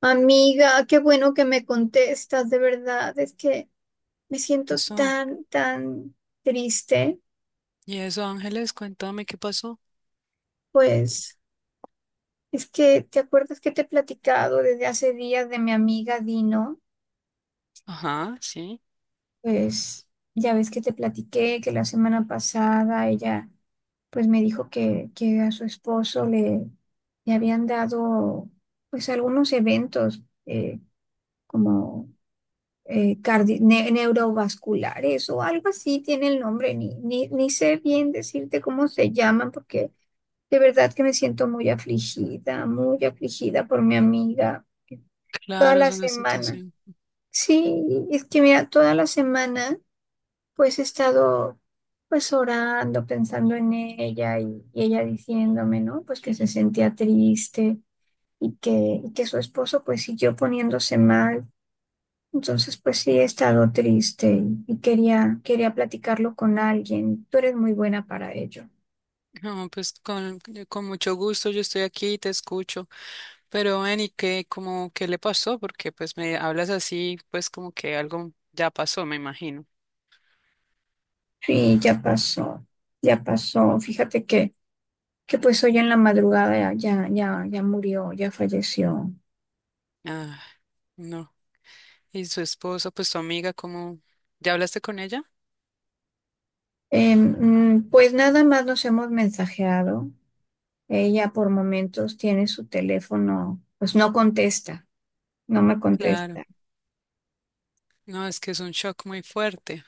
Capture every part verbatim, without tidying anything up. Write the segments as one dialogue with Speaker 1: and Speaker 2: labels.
Speaker 1: Amiga, qué bueno que me contestas, de verdad, es que me siento
Speaker 2: Eso.
Speaker 1: tan, tan triste,
Speaker 2: Y eso, Ángeles, cuéntame qué pasó.
Speaker 1: pues es que te acuerdas que te he platicado desde hace días de mi amiga Dino,
Speaker 2: Ajá, sí.
Speaker 1: pues ya ves que te platiqué que la semana pasada ella pues me dijo que, que a su esposo le, le habían dado pues algunos eventos eh, como eh, cardi- ne- neurovasculares o algo así tiene el nombre, ni, ni, ni sé bien decirte cómo se llaman, porque de verdad que me siento muy afligida, muy afligida por mi amiga eh, toda
Speaker 2: Claro, es
Speaker 1: la
Speaker 2: una
Speaker 1: semana.
Speaker 2: situación.
Speaker 1: Sí, es que mira, toda la semana pues he estado pues orando, pensando en ella y, y ella diciéndome, ¿no? Pues que se sentía triste y que, y que su esposo pues siguió poniéndose mal entonces, pues sí, he estado triste y y quería, quería platicarlo con alguien. Tú eres muy buena para ello.
Speaker 2: No, pues con, con mucho gusto yo estoy aquí y te escucho. Pero ven, ¿y qué, como, qué le pasó? Porque pues me hablas así, pues como que algo ya pasó, me imagino.
Speaker 1: Sí, ya pasó, ya pasó. Fíjate que, que pues hoy en la madrugada ya, ya, ya murió, ya falleció.
Speaker 2: Ah, no. Y su esposa, pues su amiga, ¿cómo? ¿Ya hablaste con ella?
Speaker 1: Eh, mm, pues nada más nos hemos mensajeado. Ella por momentos tiene su teléfono, pues no contesta, no me
Speaker 2: Claro.
Speaker 1: contesta.
Speaker 2: No, es que es un shock muy fuerte.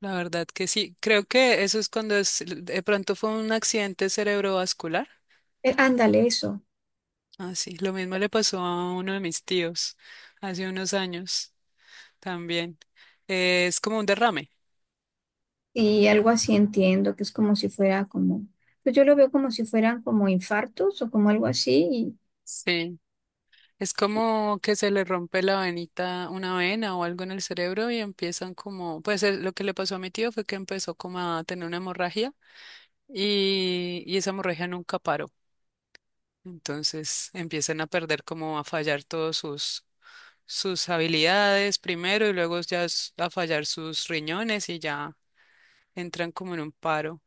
Speaker 2: La verdad que sí. Creo que eso es cuando es, de pronto fue un accidente cerebrovascular.
Speaker 1: Eh, ándale, eso.
Speaker 2: Ah, sí, lo mismo le pasó a uno de mis tíos hace unos años también. Eh, es como un derrame.
Speaker 1: Y algo así entiendo, que es como si fuera como, pues yo lo veo como si fueran como infartos o como algo así. Y
Speaker 2: Sí, es como que se le rompe la venita, una vena o algo en el cerebro y empiezan como, pues eh, lo que le pasó a mi tío fue que empezó como a tener una hemorragia y, y esa hemorragia nunca paró. Entonces empiezan a perder como a fallar todos sus, sus habilidades primero y luego ya s- a fallar sus riñones y ya entran como en un paro.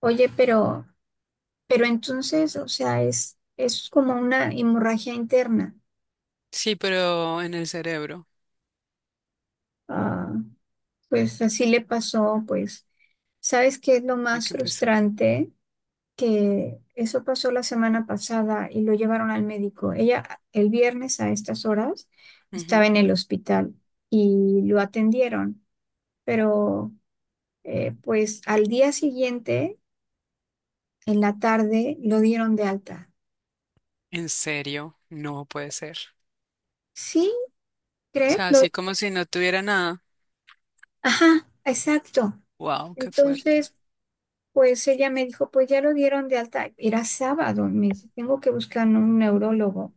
Speaker 1: oye, pero, pero entonces, o sea, es, es como una hemorragia interna.
Speaker 2: Sí, pero en el cerebro,
Speaker 1: Ah, pues así le pasó, pues, ¿sabes qué es lo
Speaker 2: hay
Speaker 1: más
Speaker 2: que pensar.
Speaker 1: frustrante? Que eso pasó la semana pasada y lo llevaron al médico. Ella el viernes a estas horas estaba
Speaker 2: Ujú.
Speaker 1: en el hospital y lo atendieron, pero Eh, pues al día siguiente, en la tarde, lo dieron de alta.
Speaker 2: En serio, no puede ser.
Speaker 1: ¿Sí?
Speaker 2: O
Speaker 1: ¿Crees?
Speaker 2: sea,
Speaker 1: Lo-
Speaker 2: así como si no tuviera nada.
Speaker 1: Ajá, exacto.
Speaker 2: Wow, qué fuerte.
Speaker 1: Entonces, pues ella me dijo, pues ya lo dieron de alta. Era sábado, me dice, tengo que buscar un neurólogo.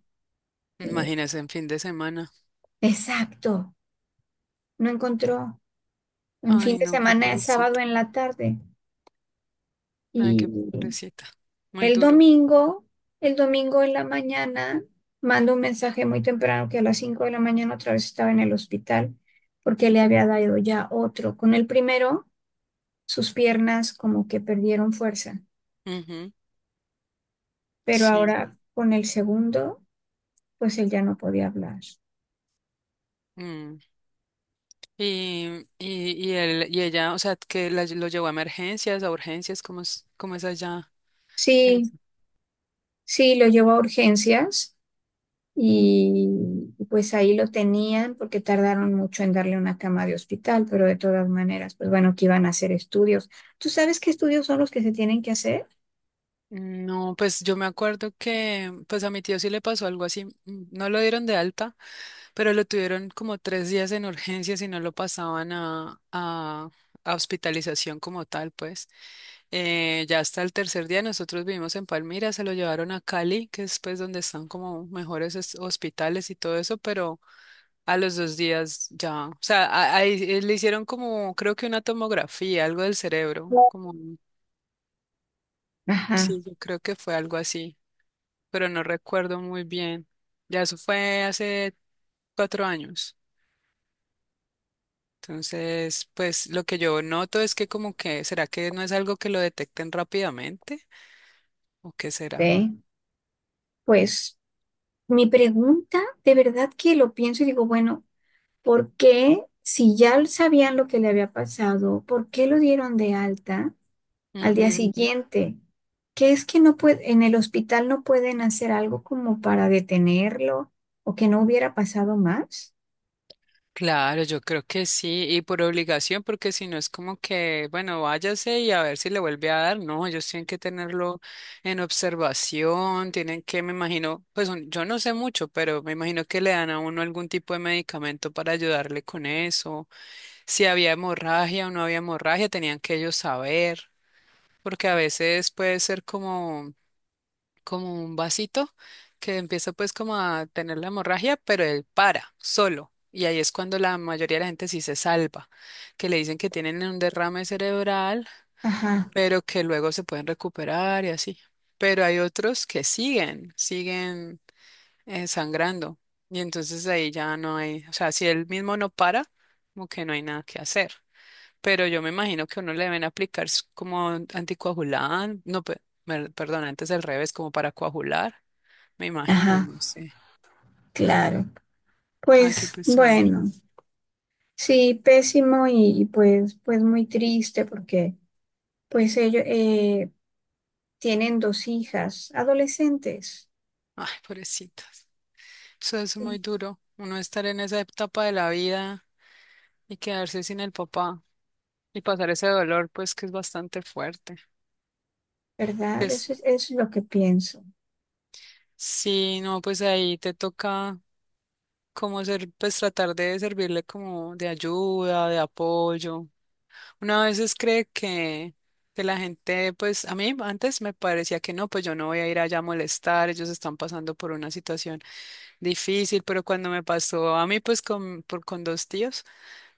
Speaker 1: Eh,
Speaker 2: Imagínese en fin de semana.
Speaker 1: exacto, no encontró. En fin
Speaker 2: Ay,
Speaker 1: de
Speaker 2: no, qué
Speaker 1: semana, es sábado
Speaker 2: pobrecito.
Speaker 1: en la tarde.
Speaker 2: Ay,
Speaker 1: Y
Speaker 2: qué pobrecita. Muy
Speaker 1: el
Speaker 2: duro.
Speaker 1: domingo, el domingo en la mañana, mando un mensaje muy temprano que a las cinco de la mañana otra vez estaba en el hospital porque le había dado ya otro. Con el primero, sus piernas como que perdieron fuerza,
Speaker 2: Ujú.
Speaker 1: pero
Speaker 2: Sí.
Speaker 1: ahora con el segundo, pues él ya no podía hablar.
Speaker 2: Mm. Y, y, y él, y ella, o sea, que la, lo llevó a emergencias, a urgencias, ¿cómo es, cómo es allá?
Speaker 1: Sí,
Speaker 2: Eso.
Speaker 1: sí, lo llevó a urgencias. Y pues ahí lo tenían porque tardaron mucho en darle una cama de hospital, pero de todas maneras, pues bueno, que iban a hacer estudios. ¿Tú sabes qué estudios son los que se tienen que hacer?
Speaker 2: No, pues yo me acuerdo que, pues a mi tío sí le pasó algo así. mm, No lo dieron de alta. Pero lo tuvieron como tres días en urgencias y no lo pasaban a, a, a hospitalización como tal, pues. Eh, ya hasta el tercer día, nosotros vivimos en Palmira, se lo llevaron a Cali, que es pues donde están como mejores es- hospitales y todo eso, pero a los dos días ya, o sea, a- ahí eh, le hicieron como, creo que una tomografía, algo del cerebro,
Speaker 1: No.
Speaker 2: como,
Speaker 1: Ajá,
Speaker 2: sí, yo creo que fue algo así, pero no recuerdo muy bien. Ya eso fue hace cuatro años. Entonces, pues lo que yo noto es que como que, ¿será que no es algo que lo detecten rápidamente? ¿O qué será?
Speaker 1: ¿ve? Pues mi pregunta, de verdad que lo pienso y digo, bueno, ¿por qué si ya sabían lo que le había pasado, por qué lo dieron de alta al día
Speaker 2: Ujú.
Speaker 1: siguiente? ¿Qué es que no puede, en el hospital no pueden hacer algo como para detenerlo o que no hubiera pasado más?
Speaker 2: Claro, yo creo que sí, y por obligación, porque si no es como que, bueno, váyase y a ver si le vuelve a dar. No, ellos tienen que tenerlo en observación, tienen que, me imagino, pues un- yo no sé mucho, pero me imagino que le dan a uno algún tipo de medicamento para ayudarle con eso. Si había hemorragia o no había hemorragia, tenían que ellos saber. Porque a veces puede ser como, como un vasito que empieza pues como a tener la hemorragia, pero él para solo. Y ahí es cuando la mayoría de la gente sí se salva, que le dicen que tienen un derrame cerebral,
Speaker 1: Ajá,
Speaker 2: pero que luego se pueden recuperar y así. Pero hay otros que siguen, siguen eh, sangrando. Y entonces ahí ya no hay, o sea, si él mismo no para, como que no hay nada que hacer. Pero yo me imagino que uno le deben aplicar s- como anticoagulante, no, pe- mer- perdón, antes al revés, como para coagular, me imagino,
Speaker 1: ajá,
Speaker 2: no sé.
Speaker 1: claro.
Speaker 2: Ay, qué
Speaker 1: Pues
Speaker 2: pesar.
Speaker 1: bueno, sí, pésimo y pues, pues muy triste porque pues ellos eh, tienen dos hijas adolescentes,
Speaker 2: Ay, pobrecitas. Eso es muy duro. Uno estar en esa etapa de la vida y quedarse sin el papá y pasar ese dolor, pues que es bastante fuerte.
Speaker 1: ¿verdad?
Speaker 2: Es,
Speaker 1: Eso es, eso es lo que pienso.
Speaker 2: sí, no, pues ahí te toca como ser, pues tratar de servirle como de ayuda, de apoyo. Una a veces cree que, que la gente, pues a mí antes me parecía que no, pues yo no voy a ir allá a molestar, ellos están pasando por una situación difícil, pero cuando me pasó a mí, pues con, por, con dos tíos,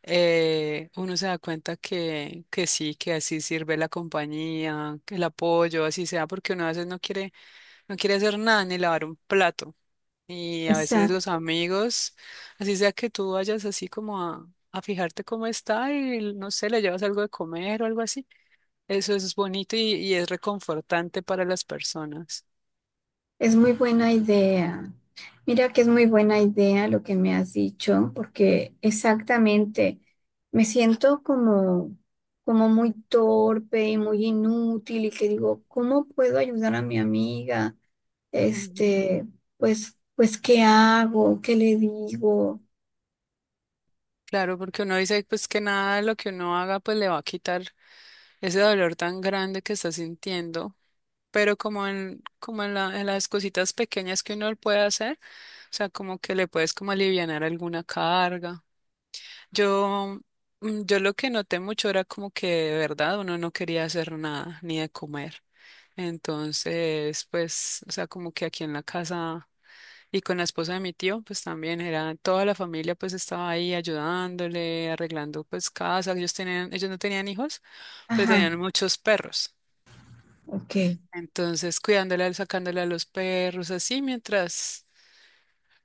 Speaker 2: eh, uno se da cuenta que, que sí, que así sirve la compañía, que el apoyo, así sea, porque uno a veces no quiere, no quiere hacer nada ni lavar un plato. Y a veces
Speaker 1: Exacto,
Speaker 2: los amigos, así sea que tú vayas así como a, a fijarte cómo está y no sé, le llevas algo de comer o algo así, eso es bonito y, y es reconfortante para las personas.
Speaker 1: es muy buena idea. Mira que es muy buena idea lo que me has dicho porque exactamente me siento como, como muy torpe y muy inútil y que digo, ¿cómo puedo ayudar a mi amiga?
Speaker 2: Ujú.
Speaker 1: Este, pues, pues, ¿qué hago? ¿Qué le digo?
Speaker 2: Claro, porque uno dice pues que nada de lo que uno haga pues le va a quitar ese dolor tan grande que está sintiendo. Pero como en, como en la- en las cositas pequeñas que uno puede hacer, o sea, como que le puedes como alivianar alguna carga. Yo, mm, yo lo que noté mucho era como que de verdad uno no quería hacer nada, ni de comer. Entonces, pues, o sea, como que aquí en la casa y con la esposa de mi tío, pues también era toda la familia, pues estaba ahí ayudándole, arreglando pues casa. Ellos tenían, ellos no tenían hijos, pero
Speaker 1: Ajá,
Speaker 2: tenían muchos perros.
Speaker 1: ok,
Speaker 2: Entonces, cuidándola, sacándola a los perros, así mientras,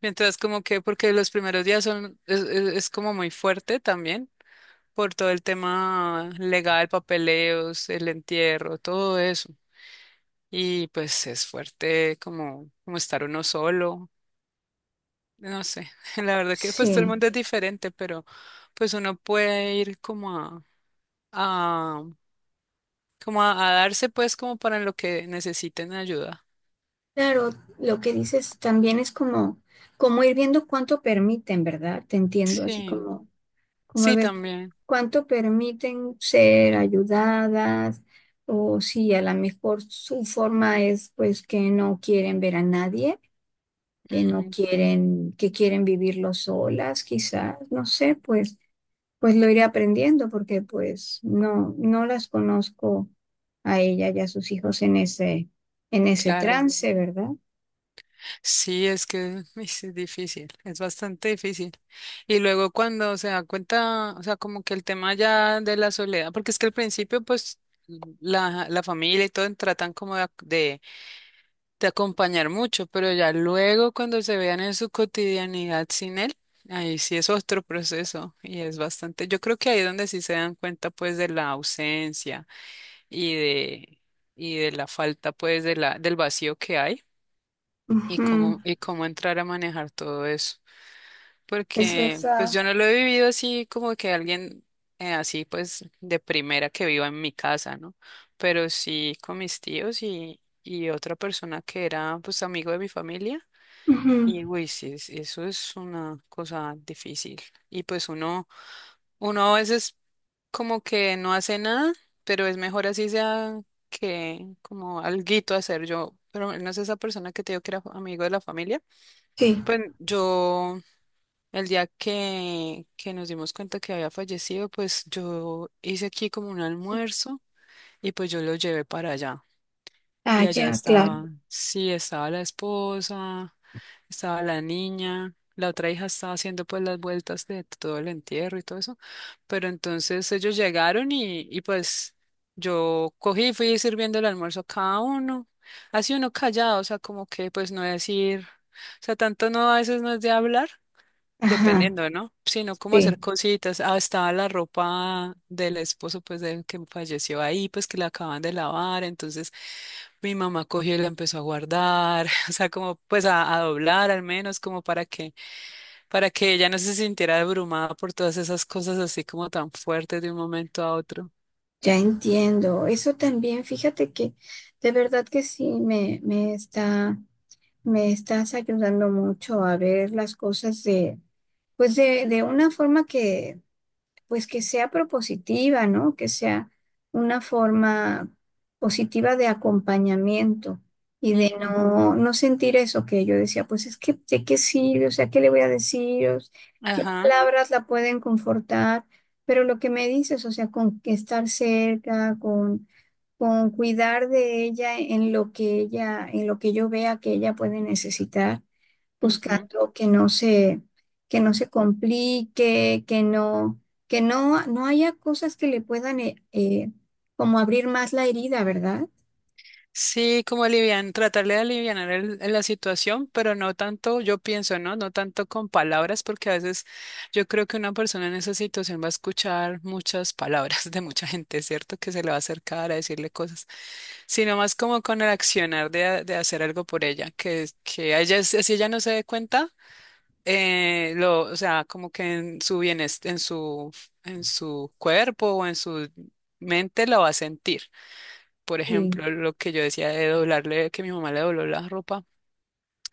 Speaker 2: mientras como que, porque los primeros días son, es, es- es como muy fuerte también por todo el tema legal, papeleos, el entierro, todo eso. Y pues es fuerte como, como estar uno solo, no sé, la verdad que pues todo el
Speaker 1: sí.
Speaker 2: mundo es diferente, pero pues uno puede ir como a, a como a, a darse pues como para lo que necesiten ayuda.
Speaker 1: Claro, lo que dices también es como, como ir viendo cuánto permiten, ¿verdad? Te entiendo, así
Speaker 2: Sí,
Speaker 1: como, como
Speaker 2: sí
Speaker 1: ver
Speaker 2: también.
Speaker 1: cuánto permiten ser ayudadas, o si a lo mejor su forma es pues que no quieren ver a nadie, que no quieren, que quieren vivirlo solas, quizás, no sé, pues. Pues lo iré aprendiendo porque pues no, no las conozco a ella y a sus hijos en ese, en ese
Speaker 2: Claro,
Speaker 1: trance, ¿verdad?
Speaker 2: sí, es que uy, sí, es difícil, es bastante difícil. Y luego cuando se da cuenta, o sea, como que el tema ya de la soledad, porque es que al principio, pues, la, la familia y todo tratan como de, ac- de, de acompañar mucho, pero ya luego cuando se vean en su cotidianidad sin él, ahí sí es otro proceso y es bastante, yo creo que ahí es donde sí se dan cuenta, pues, de la ausencia y de, y de la falta, pues, de la, del vacío que hay. Y
Speaker 1: Ujú,
Speaker 2: cómo, y cómo entrar a manejar todo eso.
Speaker 1: es
Speaker 2: Porque pues
Speaker 1: verdad.
Speaker 2: yo no lo he vivido así como que alguien eh, así pues de primera que viva en mi casa, ¿no? Pero sí con mis tíos y, y otra persona que era pues amigo de mi familia.
Speaker 1: Ujú,
Speaker 2: Y uy, sí, es- eso es una cosa difícil. Y pues uno, uno a veces como que no hace nada, pero es mejor así sea que como alguito hacer yo. Pero no es esa persona que te digo que era amigo de la familia.
Speaker 1: sí.
Speaker 2: Pues yo, el día que, que nos dimos cuenta que había fallecido, pues yo hice aquí como un almuerzo y pues yo lo llevé para allá.
Speaker 1: Ah,
Speaker 2: Y allá
Speaker 1: ya, claro.
Speaker 2: estaba, sí, estaba la esposa, estaba la niña, la otra hija estaba haciendo pues las vueltas de todo el entierro y todo eso. Pero entonces ellos llegaron y, y pues yo cogí y fui sirviendo el almuerzo a cada uno. Así uno callado, o sea, como que pues no decir, o sea, tanto no, a veces no es de hablar.
Speaker 1: Ajá,
Speaker 2: Dependiendo, ¿no? Sino como hacer
Speaker 1: sí,
Speaker 2: cositas. Ah, estaba la ropa del esposo, pues, del que falleció ahí, pues, que la acaban de lavar. Entonces, mi mamá cogió y la empezó a guardar, o sea, como, pues, a, a doblar al menos, como para que, para que ella no se sintiera abrumada por todas esas cosas así como tan fuertes de un momento a otro.
Speaker 1: ya entiendo. Eso también, fíjate que de verdad que sí me, me está, me estás ayudando mucho a ver las cosas de, pues de, de una forma que pues que sea propositiva, ¿no? Que sea una forma positiva de acompañamiento y de
Speaker 2: Ujú.
Speaker 1: no, no sentir eso que yo decía, pues es que de qué sirve, o sea, ¿qué le voy a decir? O s- ¿qué
Speaker 2: Ajá.
Speaker 1: palabras la pueden confortar? Pero lo que me dices, o sea, con que estar cerca, con, con cuidar de ella en lo que ella, en lo que yo vea que ella puede necesitar
Speaker 2: Ujú.
Speaker 1: buscando que no se, que no se complique, que no, que no, no haya cosas que le puedan eh, eh, como abrir más la herida, ¿verdad?
Speaker 2: Sí, como alivian, tratarle de alivianar el- la situación, pero no tanto, yo pienso, ¿no? No tanto con palabras, porque a veces yo creo que una persona en esa situación va a escuchar muchas palabras de mucha gente, ¿cierto? Que se le va a acercar a decirle cosas, sino más como con el accionar de, a- de hacer algo por ella, que, que a ella, si si ella no se dé cuenta, eh, lo, o sea, como que en su bienestar, en su, en su cuerpo o en su mente lo va a sentir. Por
Speaker 1: Sí.
Speaker 2: ejemplo, lo que yo decía de doblarle, que mi mamá le dobló la ropa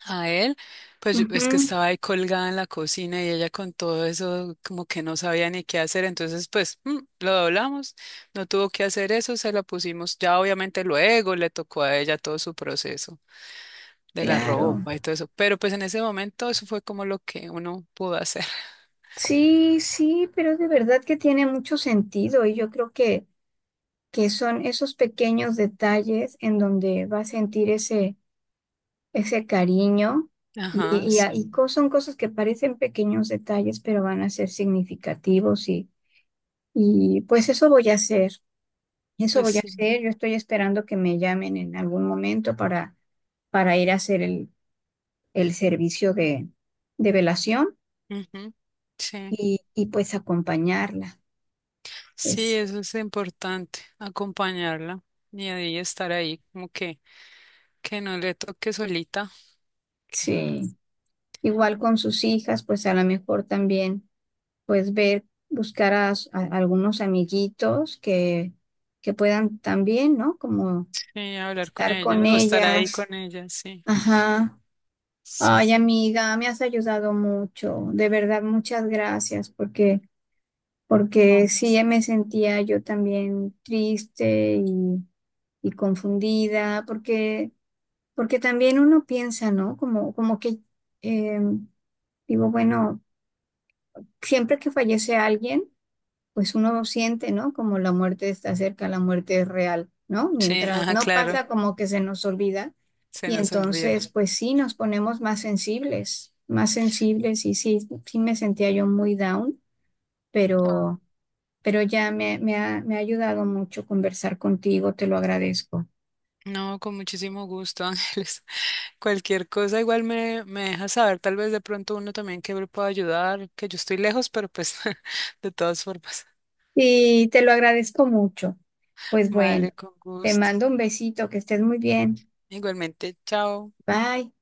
Speaker 2: a él, pues yo- es que
Speaker 1: Ujú,
Speaker 2: estaba ahí colgada en la cocina y ella con todo eso como que no sabía ni qué hacer, entonces pues mm, lo doblamos, no tuvo que hacer eso, se la pusimos, ya obviamente luego le tocó a ella todo su proceso de la
Speaker 1: claro.
Speaker 2: ropa y todo eso, pero pues en ese momento eso fue como lo que uno pudo hacer.
Speaker 1: Sí, sí, pero de verdad que tiene mucho sentido y yo creo que, que son esos pequeños detalles en donde va a sentir ese, ese cariño y,
Speaker 2: Ajá,
Speaker 1: y, a- y
Speaker 2: sí,
Speaker 1: co- son cosas que parecen pequeños detalles, pero van a ser significativos y, y pues eso voy a hacer. Eso
Speaker 2: pues
Speaker 1: voy a
Speaker 2: sí.
Speaker 1: hacer. Yo estoy esperando que me llamen en algún momento para, para ir a hacer el, el servicio de, de velación
Speaker 2: Ujú. Sí.
Speaker 1: y, y pues acompañarla.
Speaker 2: Sí,
Speaker 1: Es,
Speaker 2: eso es importante, acompañarla y ahí estar ahí, como que, que no le toque solita,
Speaker 1: sí. Igual con sus hijas, pues a lo mejor también pues ver, buscar a, s- a algunos amiguitos que, que puedan también, ¿no? Como
Speaker 2: sí, hablar con
Speaker 1: estar
Speaker 2: ella
Speaker 1: con
Speaker 2: o estar ahí
Speaker 1: ellas.
Speaker 2: con ella, sí,
Speaker 1: Ajá. Ay,
Speaker 2: sí,
Speaker 1: amiga, me has ayudado mucho. De verdad, muchas gracias porque... porque
Speaker 2: no, pues,
Speaker 1: sí me sentía yo también triste y, y confundida, porque, porque también uno piensa, ¿no? Como, como que eh, digo, bueno, siempre que fallece alguien, pues uno siente, ¿no? Como la muerte está cerca, la muerte es real, ¿no?
Speaker 2: sí,
Speaker 1: Mientras
Speaker 2: ah,
Speaker 1: no
Speaker 2: claro,
Speaker 1: pasa, como que se nos olvida.
Speaker 2: se
Speaker 1: Y
Speaker 2: nos
Speaker 1: entonces,
Speaker 2: olvida.
Speaker 1: pues sí, nos ponemos más sensibles, más sensibles y sí, sí me sentía yo muy down,
Speaker 2: Ah,
Speaker 1: pero... pero ya me, me ha, me ha ayudado mucho conversar contigo, te lo agradezco.
Speaker 2: no, con muchísimo gusto, Ángeles. Cualquier cosa, igual me, me deja saber, tal vez de pronto uno también que le pueda ayudar, que yo estoy lejos, pero pues de todas formas,
Speaker 1: Sí, te lo agradezco mucho. Pues bueno,
Speaker 2: vale, con
Speaker 1: te
Speaker 2: gusto.
Speaker 1: mando un besito, que estés muy bien.
Speaker 2: Igualmente, chao.
Speaker 1: Bye.